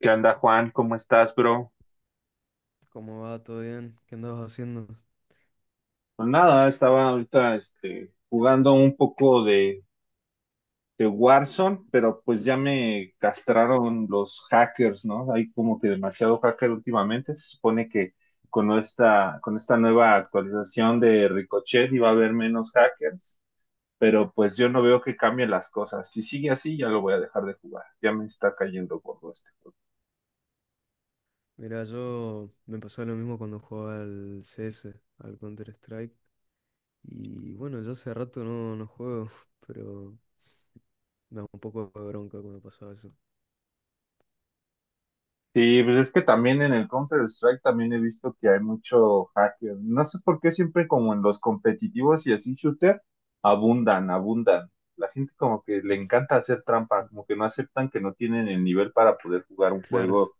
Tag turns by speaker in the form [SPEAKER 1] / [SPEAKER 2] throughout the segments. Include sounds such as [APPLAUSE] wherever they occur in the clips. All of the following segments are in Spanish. [SPEAKER 1] ¿Qué onda, Juan? ¿Cómo estás, bro?
[SPEAKER 2] ¿Cómo va? ¿Todo bien? ¿Qué andabas haciendo?
[SPEAKER 1] Pues nada, estaba ahorita jugando un poco de Warzone, pero pues ya me castraron los hackers, ¿no? Hay como que demasiado hacker últimamente. Se supone que con esta nueva actualización de Ricochet iba a haber menos hackers, pero pues yo no veo que cambien las cosas. Si sigue así, ya lo voy a dejar de jugar. Ya me está cayendo gordo esto.
[SPEAKER 2] Mira, yo me pasaba lo mismo cuando jugaba al CS, al Counter-Strike. Y bueno, ya hace rato no juego, [LAUGHS] pero me da un poco de bronca cuando pasaba eso.
[SPEAKER 1] Sí, pues es que también en el Counter-Strike también he visto que hay mucho hacker. No sé por qué siempre como en los competitivos y así shooter abundan, abundan. La gente como que le encanta hacer trampa, como que no aceptan que no tienen el nivel para poder jugar un
[SPEAKER 2] Claro,
[SPEAKER 1] juego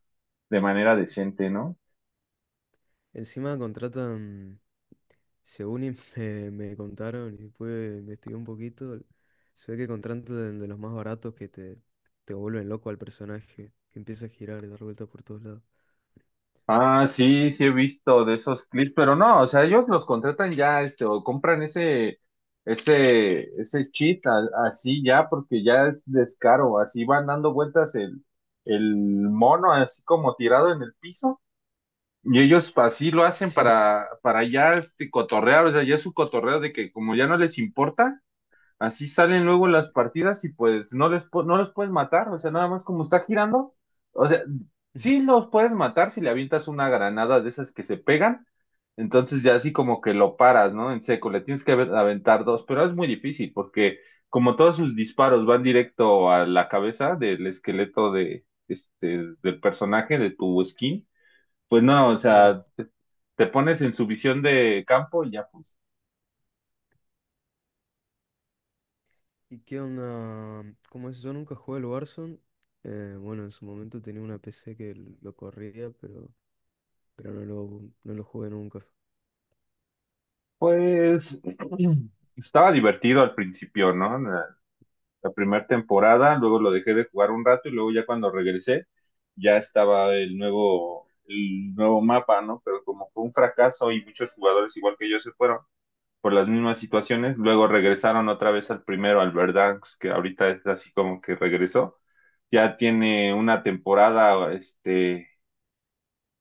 [SPEAKER 1] de manera decente, ¿no?
[SPEAKER 2] encima contratan, según y [LAUGHS] me contaron y después investigué un poquito, se ve que contratan de los más baratos te vuelven loco al personaje, que empieza a girar y dar vueltas por todos lados.
[SPEAKER 1] Ah, sí, sí he visto de esos clips, pero no, o sea, ellos los contratan ya, o compran ese, ese así ya, porque ya es descaro, así van dando vueltas el mono, así como tirado en el piso, y ellos así lo hacen
[SPEAKER 2] Sí,
[SPEAKER 1] para ya, cotorrear, o sea, ya es su cotorreo de que como ya no les importa, así salen luego las partidas y pues no los puedes matar, o sea, nada más como está girando, o sea, sí
[SPEAKER 2] [LAUGHS]
[SPEAKER 1] los puedes matar si le avientas una granada de esas que se pegan, entonces ya así como que lo paras, ¿no? En seco, le tienes que ave- aventar dos, pero es muy difícil porque como todos sus disparos van directo a la cabeza del esqueleto de del personaje de tu skin, pues no, o
[SPEAKER 2] claro.
[SPEAKER 1] sea, te pones en su visión de campo y ya pues.
[SPEAKER 2] ¿Y qué onda? Como es, yo nunca jugué al Warzone. Bueno, en su momento tenía una PC que lo corría, pero no lo jugué nunca.
[SPEAKER 1] Pues [CLEARS THROAT] estaba divertido al principio, ¿no? La primera temporada, luego lo dejé de jugar un rato y luego ya cuando regresé ya estaba el nuevo mapa, ¿no? Pero como fue un fracaso y muchos jugadores igual que yo se fueron por las mismas situaciones, luego regresaron otra vez al primero, al Verdansk, que ahorita es así como que regresó. Ya tiene una temporada,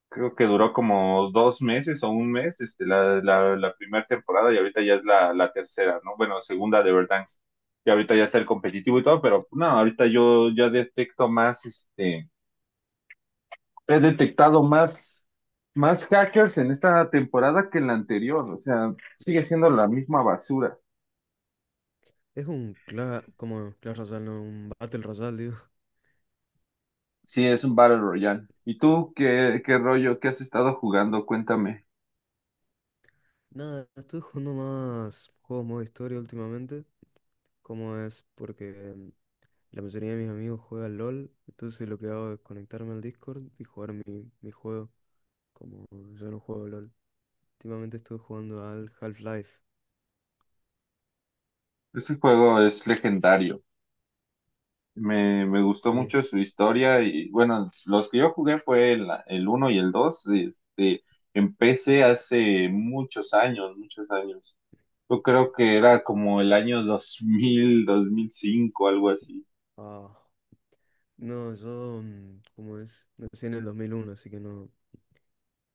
[SPEAKER 1] creo que duró como dos meses o un mes, la primera temporada y ahorita ya es la tercera, ¿no? Bueno, segunda de Verdansk. Y ahorita ya está el competitivo y todo, pero no, ahorita yo ya detecto más, he detectado más, más hackers en esta temporada que en la anterior, o sea, sigue siendo la misma basura.
[SPEAKER 2] Es un cla como Clash Royale, no, un Battle Royale, digo. [LAUGHS]
[SPEAKER 1] Sí, es un Battle Royale. ¿Y tú qué, qué rollo, qué has estado jugando? Cuéntame.
[SPEAKER 2] Nada, estoy jugando más juegos modo historia últimamente. Como es porque la mayoría de mis amigos juegan LOL, entonces lo que hago es conectarme al Discord y jugar mi juego. Como yo no juego LOL. Últimamente estuve jugando al Half-Life.
[SPEAKER 1] Ese juego es legendario. Me gustó
[SPEAKER 2] Sí.
[SPEAKER 1] mucho su historia y bueno, los que yo jugué fue el uno y el 2 empecé hace muchos años, muchos años. Yo creo que era como el año 2000, 2005, algo así.
[SPEAKER 2] Ah. No, yo, ¿cómo es? Nací en el 2001, así que no.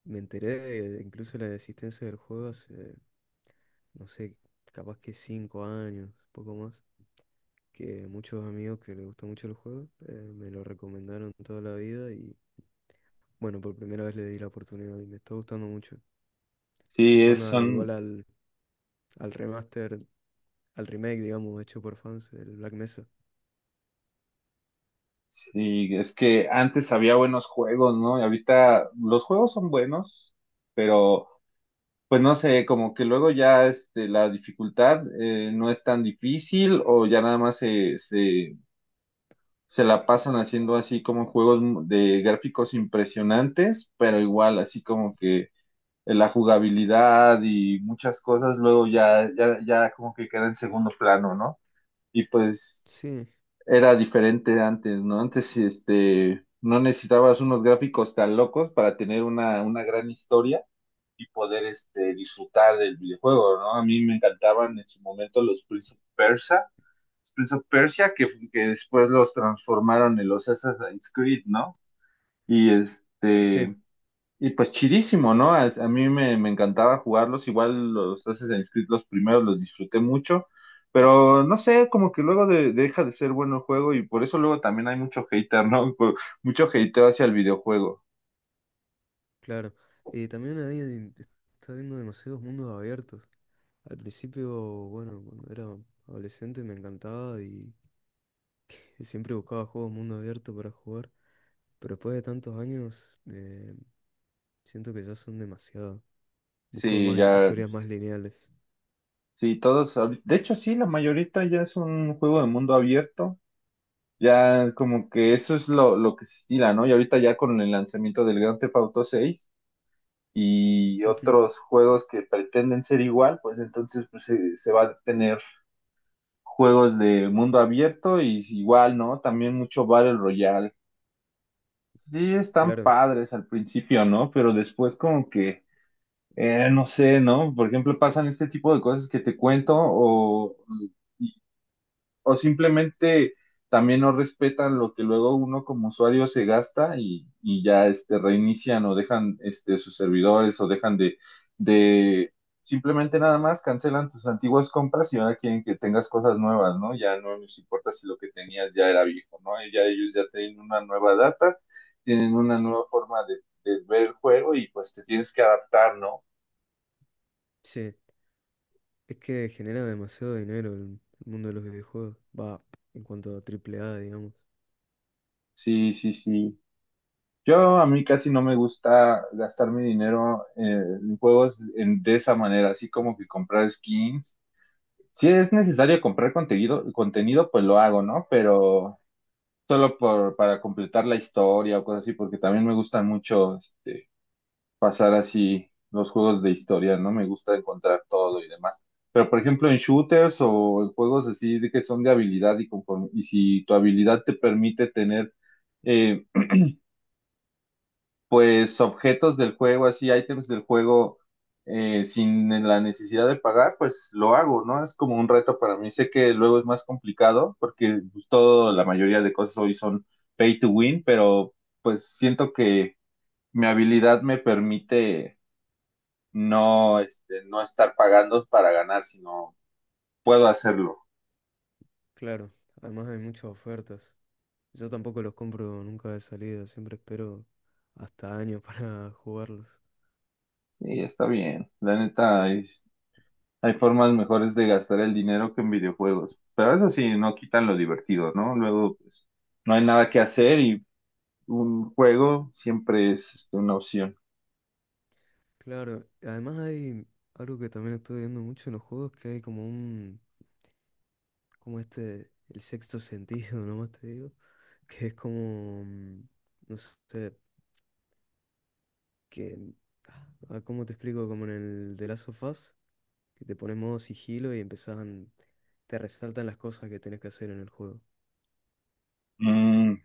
[SPEAKER 2] Me enteré de, incluso la existencia del juego hace, no sé, capaz que 5 años, poco más. Que muchos amigos que les gusta mucho el juego me lo recomendaron toda la vida y, bueno, por primera vez le di la oportunidad y me está gustando mucho.
[SPEAKER 1] Sí,
[SPEAKER 2] Estoy
[SPEAKER 1] es,
[SPEAKER 2] jugando igual
[SPEAKER 1] son,
[SPEAKER 2] al remaster, al remake, digamos, hecho por fans, el Black Mesa.
[SPEAKER 1] sí, es que antes había buenos juegos, ¿no? Y ahorita los juegos son buenos, pero pues no sé, como que luego ya la dificultad no es tan difícil o ya nada más se la pasan haciendo así como juegos de gráficos impresionantes, pero igual así como que la jugabilidad y muchas cosas luego ya como que queda en segundo plano, ¿no? Y pues
[SPEAKER 2] Sí,
[SPEAKER 1] era diferente antes, ¿no? Antes no necesitabas unos gráficos tan locos para tener una gran historia y poder disfrutar del videojuego, ¿no? A mí me encantaban en su momento los Prince of Persia, que después los transformaron en los Assassin's Creed, ¿no? Y
[SPEAKER 2] sí,
[SPEAKER 1] este, y pues chidísimo, ¿no? A mí me encantaba jugarlos, igual los Assassin's Creed los primeros los disfruté mucho, pero no sé, como que luego deja de ser bueno el juego y por eso luego también hay mucho hater, ¿no? [LAUGHS] Mucho hateo hacia el videojuego.
[SPEAKER 2] claro. Y también ahí está viendo demasiados mundos abiertos. Al principio, bueno, cuando era adolescente me encantaba y siempre buscaba juegos mundo abierto para jugar, pero después de tantos años siento que ya son demasiado. Busco
[SPEAKER 1] Sí,
[SPEAKER 2] más
[SPEAKER 1] ya,
[SPEAKER 2] historias más lineales.
[SPEAKER 1] sí, todos, ahorita- de hecho sí, la mayorita ya es un juego de mundo abierto. Ya como que eso es lo que se estila, ¿no? Y ahorita ya con el lanzamiento del Grand Theft Auto 6 y
[SPEAKER 2] Ujú,
[SPEAKER 1] otros juegos que pretenden ser igual, pues entonces pues, se va a tener juegos de mundo abierto y igual, ¿no? También mucho Battle Royale. Sí, están
[SPEAKER 2] claro,
[SPEAKER 1] padres al principio, ¿no? Pero después como que, no sé, ¿no? Por ejemplo, pasan este tipo de cosas que te cuento o simplemente también no respetan lo que luego uno como usuario se gasta y ya reinician o dejan sus servidores o dejan de simplemente nada más cancelan tus antiguas compras y ahora quieren que tengas cosas nuevas, ¿no? Ya no les importa si lo que tenías ya era viejo, ¿no? Ya ellos ya tienen una nueva data, tienen una nueva forma de ver el juego y pues te tienes que adaptar, ¿no?
[SPEAKER 2] sí, es que genera demasiado dinero el mundo de los videojuegos. Va, en cuanto a AAA, digamos.
[SPEAKER 1] Sí, sí, sí. Yo a mí casi no me gusta gastar mi dinero en juegos de esa manera, así como que comprar skins. Si es necesario comprar contenido, contenido, pues lo hago, ¿no? Pero solo por, para completar la historia o cosas así, porque también me gusta mucho pasar así los juegos de historia, ¿no? Me gusta encontrar todo y demás. Pero por ejemplo en shooters o en juegos así de que son de habilidad y conforme, y si tu habilidad te permite tener eh, pues objetos del juego, así ítems del juego, sin la necesidad de pagar, pues lo hago, ¿no? Es como un reto para mí. Sé que luego es más complicado porque pues, todo, la mayoría de cosas hoy son pay to win, pero pues siento que mi habilidad me permite no estar pagando para ganar, sino puedo hacerlo.
[SPEAKER 2] Claro, además hay muchas ofertas. Yo tampoco los compro nunca de salida, siempre espero hasta años [LAUGHS] para jugarlos.
[SPEAKER 1] Y está bien, la neta, hay formas mejores de gastar el dinero que en videojuegos, pero eso sí, no quitan lo divertido, ¿no? Luego, pues, no hay nada que hacer y un juego siempre es una opción.
[SPEAKER 2] Claro, además hay algo que también estoy viendo mucho en los juegos, que hay como un, como este, el sexto sentido, [LAUGHS] nomás te digo, que es como, no sé, que, ah, ¿cómo te explico? Como en el de Last of Us, que te pones modo sigilo y empezaban, te resaltan las cosas que tenés que hacer en el juego.
[SPEAKER 1] Mm,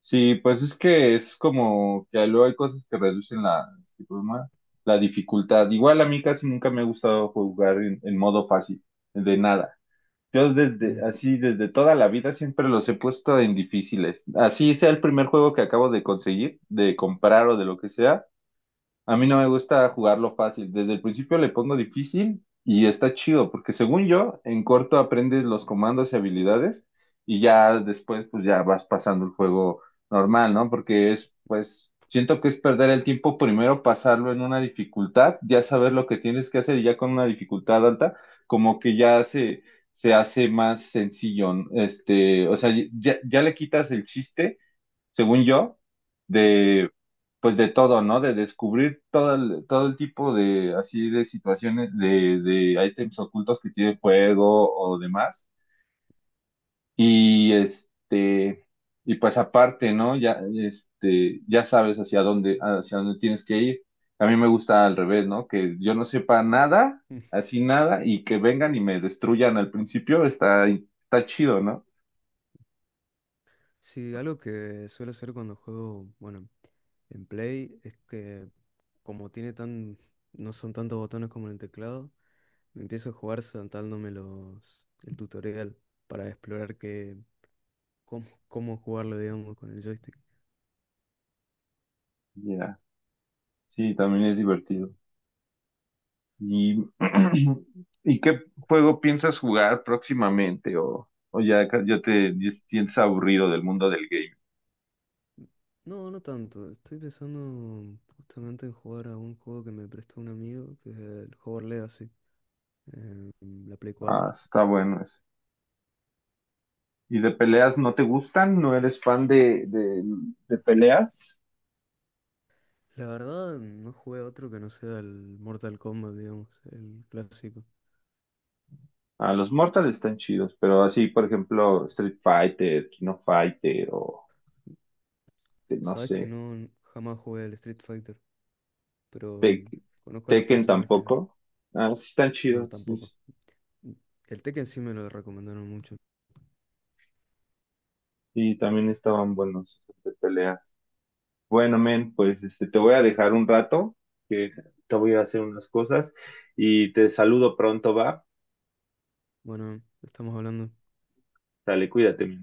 [SPEAKER 1] sí, pues es que es como que luego hay cosas que reducen ¿cómo se llama? La dificultad. Igual a mí casi nunca me ha gustado jugar en modo fácil, de nada. Yo desde, así, desde toda la vida siempre los he puesto en difíciles. Así sea el primer juego que acabo de conseguir, de comprar o de lo que sea. A mí no me gusta jugarlo fácil. Desde el principio le pongo difícil y está chido, porque según yo, en corto aprendes los comandos y habilidades y ya después pues ya vas pasando el juego normal, ¿no? Porque es, pues, siento que es perder el tiempo primero pasarlo en una dificultad, ya saber lo que tienes que hacer y ya con una dificultad alta, como que se hace más sencillo, ¿no? Ya le quitas el chiste según yo, de, pues de todo, ¿no? De descubrir todo el tipo de, así, de situaciones, de ítems ocultos que tiene el juego o demás. Y este, y pues aparte, ¿no? Ya sabes hacia dónde tienes que ir. A mí me gusta al revés, ¿no? Que yo no sepa nada,
[SPEAKER 2] Mm.
[SPEAKER 1] así nada, y que vengan y me destruyan al principio, está, está chido, ¿no?
[SPEAKER 2] Sí, algo que suelo hacer cuando juego, bueno, en Play es que como tiene tan, no son tantos botones como en el teclado, me empiezo a jugar saltándome el tutorial para explorar qué, cómo, cómo jugarlo, digamos, con el joystick.
[SPEAKER 1] Ya, sí, también es divertido. ¿Y, [CLEARS THROAT] ¿y qué juego piensas jugar próximamente? O ya, ya te sientes aburrido del mundo del game?
[SPEAKER 2] No, no tanto. Estoy pensando justamente en jugar a un juego que me prestó un amigo, que es el Hogwarts Legacy, en la Play
[SPEAKER 1] Ah,
[SPEAKER 2] 4.
[SPEAKER 1] está bueno eso. ¿Y de peleas no te gustan? ¿No eres fan de peleas?
[SPEAKER 2] La verdad, no jugué a otro que no sea el Mortal Kombat, digamos, el clásico.
[SPEAKER 1] Ah, los Mortal están chidos, pero así, por ejemplo, Street Fighter, Kino Fighter o no
[SPEAKER 2] Sabes que
[SPEAKER 1] sé,
[SPEAKER 2] no, jamás jugué al Street Fighter, pero
[SPEAKER 1] Tek-
[SPEAKER 2] conozco a los
[SPEAKER 1] Tekken
[SPEAKER 2] personajes.
[SPEAKER 1] tampoco. Ah, sí están
[SPEAKER 2] No,
[SPEAKER 1] chidos, sí,
[SPEAKER 2] tampoco.
[SPEAKER 1] sí.
[SPEAKER 2] El Tekken sí me lo recomendaron mucho.
[SPEAKER 1] Y también estaban buenos de peleas. Bueno, men, pues te voy a dejar un rato. Te voy a hacer unas cosas y te saludo pronto, va.
[SPEAKER 2] Bueno, estamos hablando.
[SPEAKER 1] Dale, cuídate.